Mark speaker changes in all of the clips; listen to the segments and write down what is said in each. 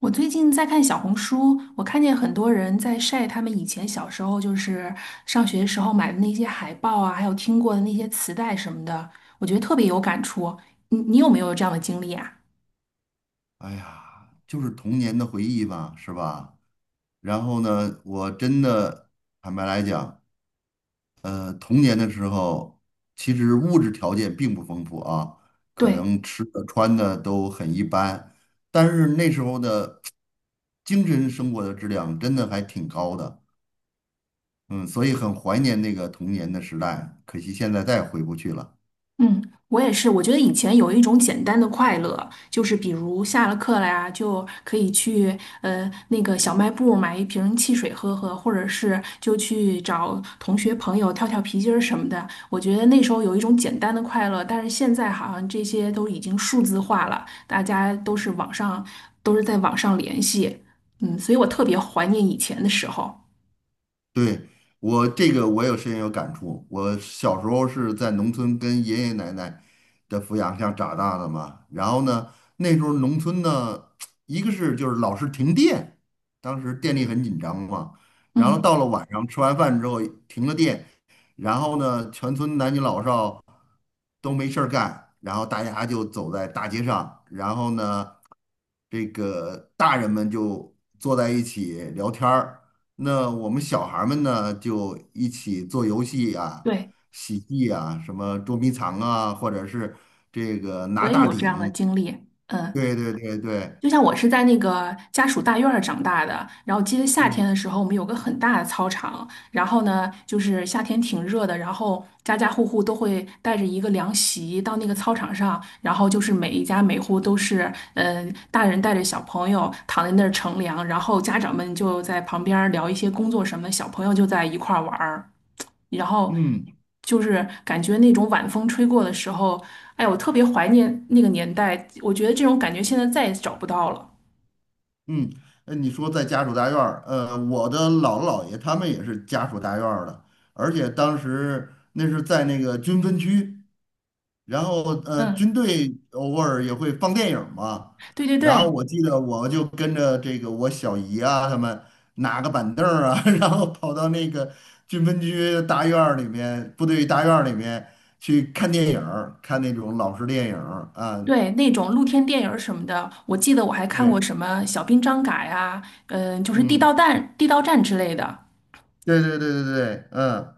Speaker 1: 我最近在看小红书，我看见很多人在晒他们以前小时候，就是上学时候买的那些海报啊，还有听过的那些磁带什么的，我觉得特别有感触。你有没有这样的经历啊？
Speaker 2: 哎呀，就是童年的回忆吧，是吧？然后呢，我真的坦白来讲，童年的时候，其实物质条件并不丰富啊，可
Speaker 1: 对。
Speaker 2: 能吃的穿的都很一般，但是那时候的精神生活的质量真的还挺高的，嗯，所以很怀念那个童年的时代，可惜现在再也回不去了。
Speaker 1: 嗯，我也是。我觉得以前有一种简单的快乐，就是比如下了课了呀，就可以去那个小卖部买一瓶汽水喝喝，或者是就去找同学朋友跳跳皮筋儿什么的。我觉得那时候有一种简单的快乐，但是现在好像这些都已经数字化了，大家都是网上都是在网上联系，嗯，所以我特别怀念以前的时候。
Speaker 2: 对，我这个我有深有感触。我小时候是在农村跟爷爷奶奶的抚养下长大的嘛。然后呢，那时候农村呢，一个是就是老是停电，当时电力很紧张嘛。然后
Speaker 1: 嗯，
Speaker 2: 到了晚上吃完饭之后停了电，然后呢，全村男女老少。都没事儿干，然后大家就走在大街上，然后呢，这个大人们就坐在一起聊天儿，那我们小孩儿们呢就一起做游戏啊、
Speaker 1: 对，
Speaker 2: 喜剧啊，什么捉迷藏啊，或者是这个
Speaker 1: 我
Speaker 2: 拿
Speaker 1: 也
Speaker 2: 大
Speaker 1: 有这样的
Speaker 2: 顶，
Speaker 1: 经历。嗯。
Speaker 2: 对对对对，
Speaker 1: 就像我是在那个家属大院儿长大的，然后记得夏
Speaker 2: 嗯
Speaker 1: 天的时候，我们有个很大的操场，然后呢，就是夏天挺热的，然后家家户户都会带着一个凉席到那个操场上，然后就是每一家每户都是，嗯，大人带着小朋友躺在那儿乘凉，然后家长们就在旁边儿聊一些工作什么的小朋友就在一块儿玩儿。然后
Speaker 2: 嗯
Speaker 1: 就是感觉那种晚风吹过的时候，哎，我特别怀念那个年代，我觉得这种感觉现在再也找不到了。
Speaker 2: 嗯，你说在家属大院儿，我的姥姥姥爷他们也是家属大院儿的，而且当时那是在那个军分区。然后军
Speaker 1: 嗯，
Speaker 2: 队偶尔也会放电影嘛。
Speaker 1: 对对对
Speaker 2: 然后我记得我就跟着这个我小姨啊，他们拿个板凳儿啊，然后跑到那个军分区大院儿里面、部队大院儿里面去看电影儿看那种老式电影儿啊。
Speaker 1: 对，那种露天电影儿什么的，我记得我还看过
Speaker 2: 对，
Speaker 1: 什么《小兵张嘎》呀，嗯，就是《地道
Speaker 2: 嗯
Speaker 1: 战》《地道战》之类的。
Speaker 2: 对对对对对，嗯。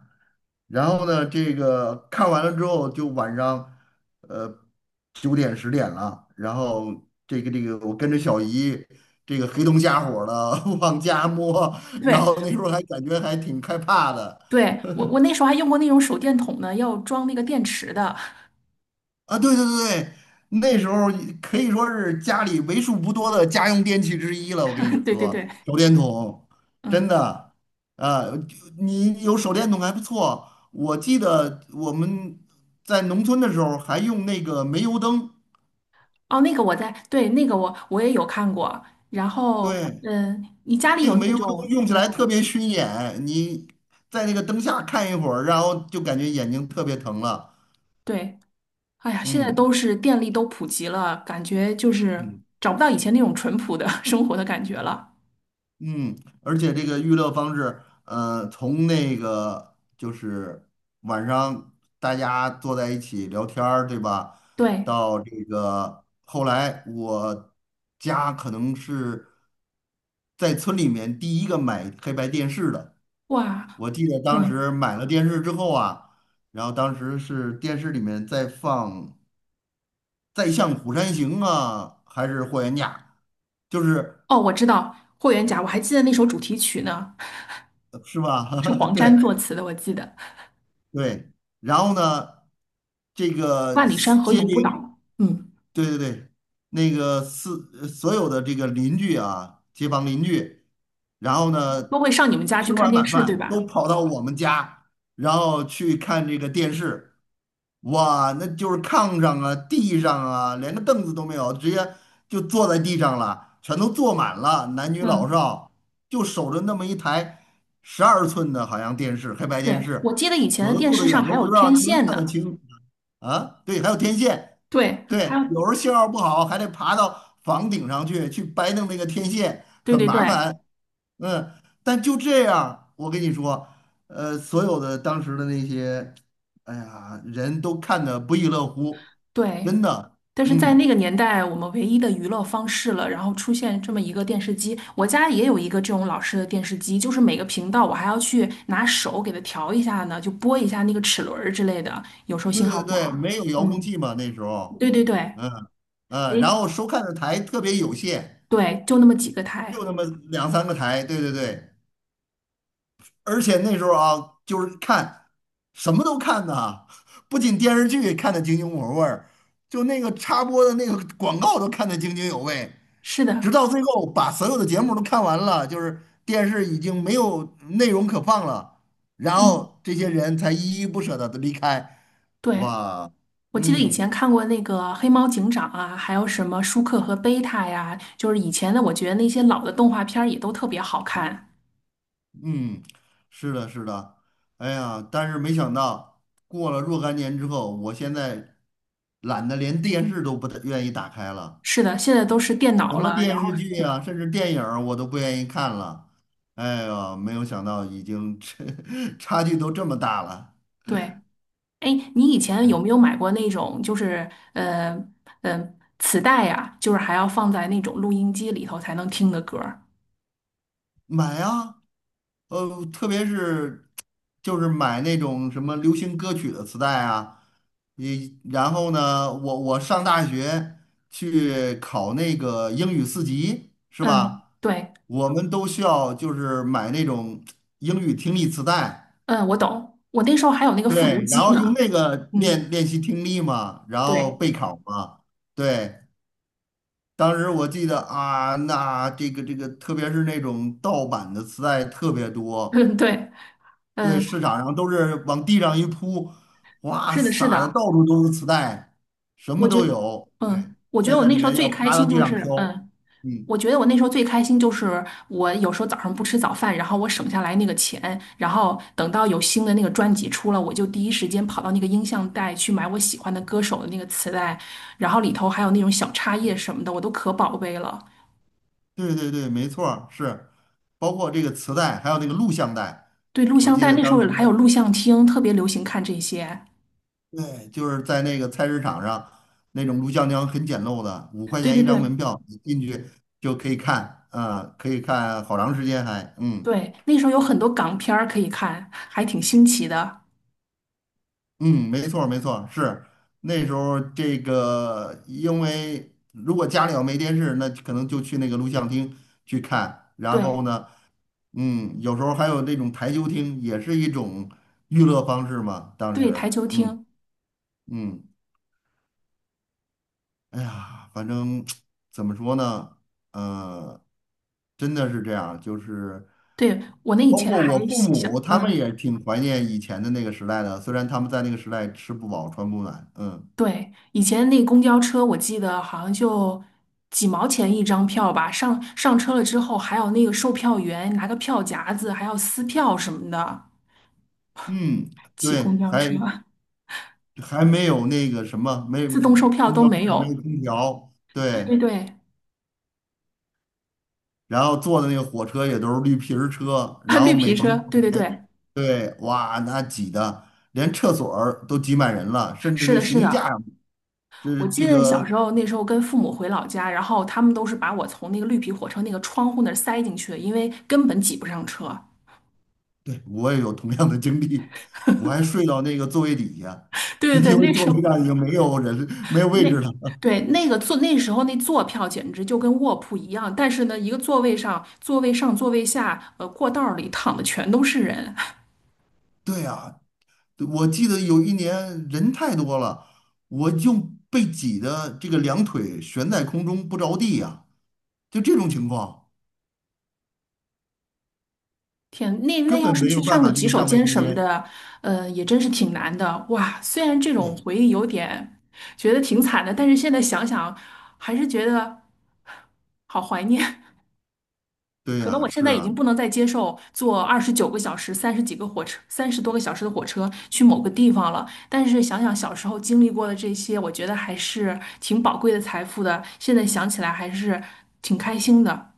Speaker 2: 然后呢，这个看完了之后，就晚上，呃，九点十点了。然后这个,我跟着小姨，这个黑灯瞎火的 往家摸，然
Speaker 1: 对
Speaker 2: 后那时候还感觉还挺害怕的。
Speaker 1: 对，我那时候还用过那种手电筒呢，要装那个电池的。
Speaker 2: 啊，对对对，那时候可以说是家里为数不多的家用电器之一了。我跟你
Speaker 1: 对对
Speaker 2: 说，
Speaker 1: 对，
Speaker 2: 手电筒真
Speaker 1: 嗯，
Speaker 2: 的，啊，就你有手电筒还不错。我记得我们在农村的时候还用那个煤油灯，
Speaker 1: 哦，那个我在，对，那个我也有看过。然后，
Speaker 2: 对，
Speaker 1: 嗯，你家里
Speaker 2: 那
Speaker 1: 有
Speaker 2: 个煤
Speaker 1: 那
Speaker 2: 油灯
Speaker 1: 种，
Speaker 2: 用起来
Speaker 1: 嗯，
Speaker 2: 特别熏眼，你在那个灯下看一会儿，然后就感觉眼睛特别疼了。
Speaker 1: 对。哎呀，现在都
Speaker 2: 嗯
Speaker 1: 是电力都普及了，感觉就是
Speaker 2: 嗯
Speaker 1: 找不到以前那种淳朴的 生活的感觉了。
Speaker 2: 嗯，而且这个娱乐方式，从那个就是晚上大家坐在一起聊天儿，对吧？
Speaker 1: 对，
Speaker 2: 到这个后来，我家可能是在村里面第一个买黑白电视的。
Speaker 1: 哇，
Speaker 2: 我记得当
Speaker 1: 嗯，
Speaker 2: 时买了电视之后啊，然后当时是电视里面在放《再向虎山行》啊，还是《霍元甲》，就是
Speaker 1: 哦，我知道《霍元甲》，我还记得那首主题曲呢，
Speaker 2: 是吧？
Speaker 1: 是黄 沾
Speaker 2: 对。
Speaker 1: 作词的，我记得
Speaker 2: 对，然后呢，这个
Speaker 1: 《万里山河
Speaker 2: 接
Speaker 1: 永不倒》。
Speaker 2: 零。
Speaker 1: 嗯，
Speaker 2: 对对对，那个是所有的这个邻居啊，街坊邻居，然后
Speaker 1: 都
Speaker 2: 呢，
Speaker 1: 会上你们家去
Speaker 2: 吃
Speaker 1: 看
Speaker 2: 完
Speaker 1: 电
Speaker 2: 晚
Speaker 1: 视，对
Speaker 2: 饭
Speaker 1: 吧？
Speaker 2: 都跑到我们家，然后去看这个电视，哇，那就是炕上啊、地上啊，连个凳子都没有，直接就坐在地上了，全都坐满了，男女老
Speaker 1: 嗯，
Speaker 2: 少就守着那么一台12寸的，好像电视，黑白电
Speaker 1: 对，
Speaker 2: 视，
Speaker 1: 我记得以前
Speaker 2: 有
Speaker 1: 的
Speaker 2: 的
Speaker 1: 电
Speaker 2: 坐得
Speaker 1: 视上
Speaker 2: 远
Speaker 1: 还
Speaker 2: 都不
Speaker 1: 有
Speaker 2: 知道
Speaker 1: 天
Speaker 2: 能不能
Speaker 1: 线
Speaker 2: 看得
Speaker 1: 呢。
Speaker 2: 清啊，对，还有天线。
Speaker 1: 对，还
Speaker 2: 对，
Speaker 1: 有，
Speaker 2: 有时候信号不好，还得爬到房顶上去掰弄那个天线，
Speaker 1: 对
Speaker 2: 很
Speaker 1: 对对
Speaker 2: 麻烦。嗯，但就这样，我跟你说，所有的当时的那些，哎呀，人都看得不亦乐乎，
Speaker 1: 对，
Speaker 2: 真的。
Speaker 1: 但是在那
Speaker 2: 嗯，
Speaker 1: 个年代，我们唯一的娱乐方式了，然后出现这么一个电视机，我家也有一个这种老式的电视机，就是每个频道我还要去拿手给它调一下呢，就拨一下那个齿轮儿之类的，有时候
Speaker 2: 对
Speaker 1: 信号
Speaker 2: 对
Speaker 1: 不
Speaker 2: 对，
Speaker 1: 好。
Speaker 2: 没有遥控
Speaker 1: 嗯，
Speaker 2: 器嘛那时候，
Speaker 1: 对对对，
Speaker 2: 嗯嗯，然
Speaker 1: 诶，
Speaker 2: 后收看的台特别有限，
Speaker 1: 对，就那么几个
Speaker 2: 就
Speaker 1: 台。
Speaker 2: 那么两三个台，对对对。而且那时候啊，就是看什么都看呐，不仅电视剧看得津津有味儿，就那个插播的那个广告都看得津津有味，
Speaker 1: 是
Speaker 2: 直
Speaker 1: 的，
Speaker 2: 到最后把所有的节目都看完了，就是电视已经没有内容可放了，然
Speaker 1: 嗯，
Speaker 2: 后这些人才依依不舍的离开。
Speaker 1: 对，
Speaker 2: 哇，
Speaker 1: 我记得以
Speaker 2: 嗯
Speaker 1: 前看过那个《黑猫警长》啊，还有什么舒克和贝塔呀，就是以前的，我觉得那些老的动画片儿也都特别好看。
Speaker 2: 嗯，是的，是的，哎呀，但是没想到过了若干年之后，我现在懒得连电视都不太愿意打开了。
Speaker 1: 是的，现在都是电
Speaker 2: 什
Speaker 1: 脑
Speaker 2: 么
Speaker 1: 了，然
Speaker 2: 电
Speaker 1: 后
Speaker 2: 视剧啊，甚至电影儿我都不愿意看了。哎呦，没有想到已经 差距都这么大了，
Speaker 1: 对。哎，你以前有没有买过那种，就是呃嗯、呃磁带呀、就是还要放在那种录音机里头才能听的歌儿？
Speaker 2: 买啊！特别是就是买那种什么流行歌曲的磁带啊，你然后呢，我上大学去考那个英语四级是
Speaker 1: 嗯，
Speaker 2: 吧？
Speaker 1: 对，
Speaker 2: 我们都需要就是买那种英语听力磁带。
Speaker 1: 嗯，我懂。我那时候还有那个复读
Speaker 2: 对，然
Speaker 1: 机
Speaker 2: 后用
Speaker 1: 呢。
Speaker 2: 那个练
Speaker 1: 嗯，
Speaker 2: 练习听力嘛，然
Speaker 1: 对，
Speaker 2: 后备考嘛。对，当时我记得啊，那这个,特别是那种盗版的磁带特别 多，
Speaker 1: 嗯，对，
Speaker 2: 对，
Speaker 1: 嗯，
Speaker 2: 市场上都是往地上一铺，哇，
Speaker 1: 是的，是
Speaker 2: 撒的到
Speaker 1: 的。
Speaker 2: 处都是磁带，什
Speaker 1: 我
Speaker 2: 么
Speaker 1: 觉
Speaker 2: 都有。对，
Speaker 1: 嗯，
Speaker 2: 在那里面要趴到地上挑。嗯，
Speaker 1: 我觉得我那时候最开心就是我有时候早上不吃早饭，然后我省下来那个钱，然后等到有新的那个专辑出了，我就第一时间跑到那个音像带去买我喜欢的歌手的那个磁带，然后里头还有那种小插页什么的，我都可宝贝了。
Speaker 2: 对对对，没错儿，是，包括这个磁带，还有那个录像带，
Speaker 1: 对，录
Speaker 2: 我
Speaker 1: 像
Speaker 2: 记
Speaker 1: 带
Speaker 2: 得
Speaker 1: 那时
Speaker 2: 当
Speaker 1: 候还有
Speaker 2: 时。
Speaker 1: 录像厅，特别流行看这些。
Speaker 2: 对，就是在那个菜市场上，那种录像厅很简陋的，五块
Speaker 1: 对
Speaker 2: 钱
Speaker 1: 对
Speaker 2: 一张
Speaker 1: 对
Speaker 2: 门票，你进去就可以看，啊、可以看好长时间还，嗯
Speaker 1: 对，那时候有很多港片儿可以看，还挺新奇的。
Speaker 2: 嗯，没错儿没错儿，是那时候这个，因为如果家里要没电视，那可能就去那个录像厅去看，然后
Speaker 1: 对
Speaker 2: 呢，嗯，有时候还有那种台球厅，也是一种娱乐方式嘛，当
Speaker 1: 对，台
Speaker 2: 时，
Speaker 1: 球
Speaker 2: 嗯
Speaker 1: 厅。
Speaker 2: 嗯。哎呀，反正怎么说呢，呃，真的是这样，就是
Speaker 1: 对，我那以
Speaker 2: 包
Speaker 1: 前
Speaker 2: 括我
Speaker 1: 还
Speaker 2: 父
Speaker 1: 想，
Speaker 2: 母，他们
Speaker 1: 嗯，
Speaker 2: 也挺怀念以前的那个时代的，虽然他们在那个时代吃不饱穿不暖，嗯
Speaker 1: 对，以前那公交车，我记得好像就几毛钱一张票吧。上车了之后，还有那个售票员拿个票夹子，还要撕票什么的。
Speaker 2: 嗯，
Speaker 1: 挤公
Speaker 2: 对，
Speaker 1: 交车，
Speaker 2: 还没有那个什么，没
Speaker 1: 自动售票
Speaker 2: 空
Speaker 1: 都
Speaker 2: 调车
Speaker 1: 没
Speaker 2: 上没
Speaker 1: 有。
Speaker 2: 有空调，
Speaker 1: 对
Speaker 2: 对，
Speaker 1: 对对，
Speaker 2: 然后坐的那个火车也都是绿皮儿车，
Speaker 1: 啊
Speaker 2: 然后
Speaker 1: 绿
Speaker 2: 每
Speaker 1: 皮
Speaker 2: 逢
Speaker 1: 车
Speaker 2: 过
Speaker 1: 对对
Speaker 2: 年，
Speaker 1: 对，
Speaker 2: 对，哇，那挤的连厕所儿都挤满人了，甚至
Speaker 1: 是
Speaker 2: 那
Speaker 1: 的，
Speaker 2: 行
Speaker 1: 是
Speaker 2: 李架。
Speaker 1: 的。
Speaker 2: 就
Speaker 1: 我
Speaker 2: 是
Speaker 1: 记
Speaker 2: 这
Speaker 1: 得小时
Speaker 2: 个
Speaker 1: 候那时候跟父母回老家，然后他们都是把我从那个绿皮火车那个窗户那儿塞进去的，因为根本挤不上车。
Speaker 2: 对，我也有同样的经历，我还睡到那个座位底下，
Speaker 1: 对对
Speaker 2: 因
Speaker 1: 对，
Speaker 2: 为座位上已经没有人，没有位
Speaker 1: 那
Speaker 2: 置了。
Speaker 1: 那时候坐票简直就跟卧铺一样，但是呢，一个座位上、座位上、座位下，过道儿里躺的全都是人。
Speaker 2: 对呀，我记得有一年人太多了，我就被挤得这个两腿悬在空中不着地呀、就这种情况，
Speaker 1: 天，那
Speaker 2: 根
Speaker 1: 要
Speaker 2: 本
Speaker 1: 是
Speaker 2: 没有
Speaker 1: 去
Speaker 2: 办
Speaker 1: 上
Speaker 2: 法
Speaker 1: 个洗
Speaker 2: 去
Speaker 1: 手
Speaker 2: 上卫
Speaker 1: 间
Speaker 2: 生
Speaker 1: 什么
Speaker 2: 间。
Speaker 1: 的，也真是挺难的。哇，虽然这种
Speaker 2: 对，
Speaker 1: 回忆有点觉得挺惨的，但是现在想想，还是觉得好怀念。
Speaker 2: 对
Speaker 1: 可能
Speaker 2: 呀、
Speaker 1: 我现
Speaker 2: 是
Speaker 1: 在已
Speaker 2: 啊，
Speaker 1: 经不能再接受坐29个小时、30几个火车、30多个小时的火车去某个地方了。但是想想小时候经历过的这些，我觉得还是挺宝贵的财富的。现在想起来还是挺开心的。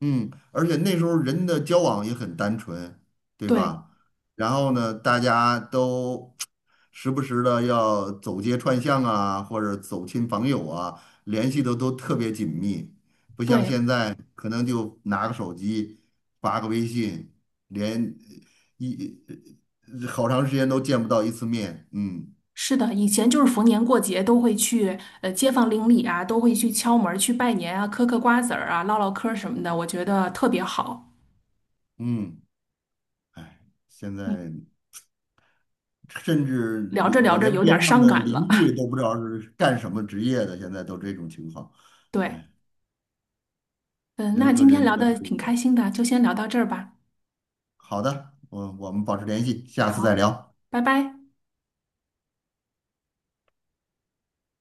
Speaker 2: 嗯，而且那时候人的交往也很单纯，对
Speaker 1: 对
Speaker 2: 吧？然后呢，大家都时不时的要走街串巷啊，或者走亲访友啊，联系的都特别紧密，不像
Speaker 1: 对，
Speaker 2: 现在可能就拿个手机发个微信，连一好长时间都见不到一次面，嗯
Speaker 1: 是的，以前就是逢年过节都会去街坊邻里啊，都会去敲门儿、去拜年啊，嗑嗑瓜子儿啊，唠唠嗑儿什么的，我觉得特别好。
Speaker 2: 嗯，哎，现
Speaker 1: 嗯，
Speaker 2: 在甚至
Speaker 1: 聊
Speaker 2: 连
Speaker 1: 着聊
Speaker 2: 我
Speaker 1: 着
Speaker 2: 连
Speaker 1: 有点儿
Speaker 2: 边上
Speaker 1: 伤
Speaker 2: 的
Speaker 1: 感了。
Speaker 2: 邻居 都不知道是干什么职业的，现在都这种情况，
Speaker 1: 对，
Speaker 2: 哎，
Speaker 1: 嗯，那
Speaker 2: 人和
Speaker 1: 今天
Speaker 2: 人
Speaker 1: 聊
Speaker 2: 的
Speaker 1: 的
Speaker 2: 这
Speaker 1: 挺开
Speaker 2: 个，
Speaker 1: 心的，就先聊到这儿吧。
Speaker 2: 好的，我们保持联系，下次再
Speaker 1: 好，
Speaker 2: 聊。
Speaker 1: 拜拜。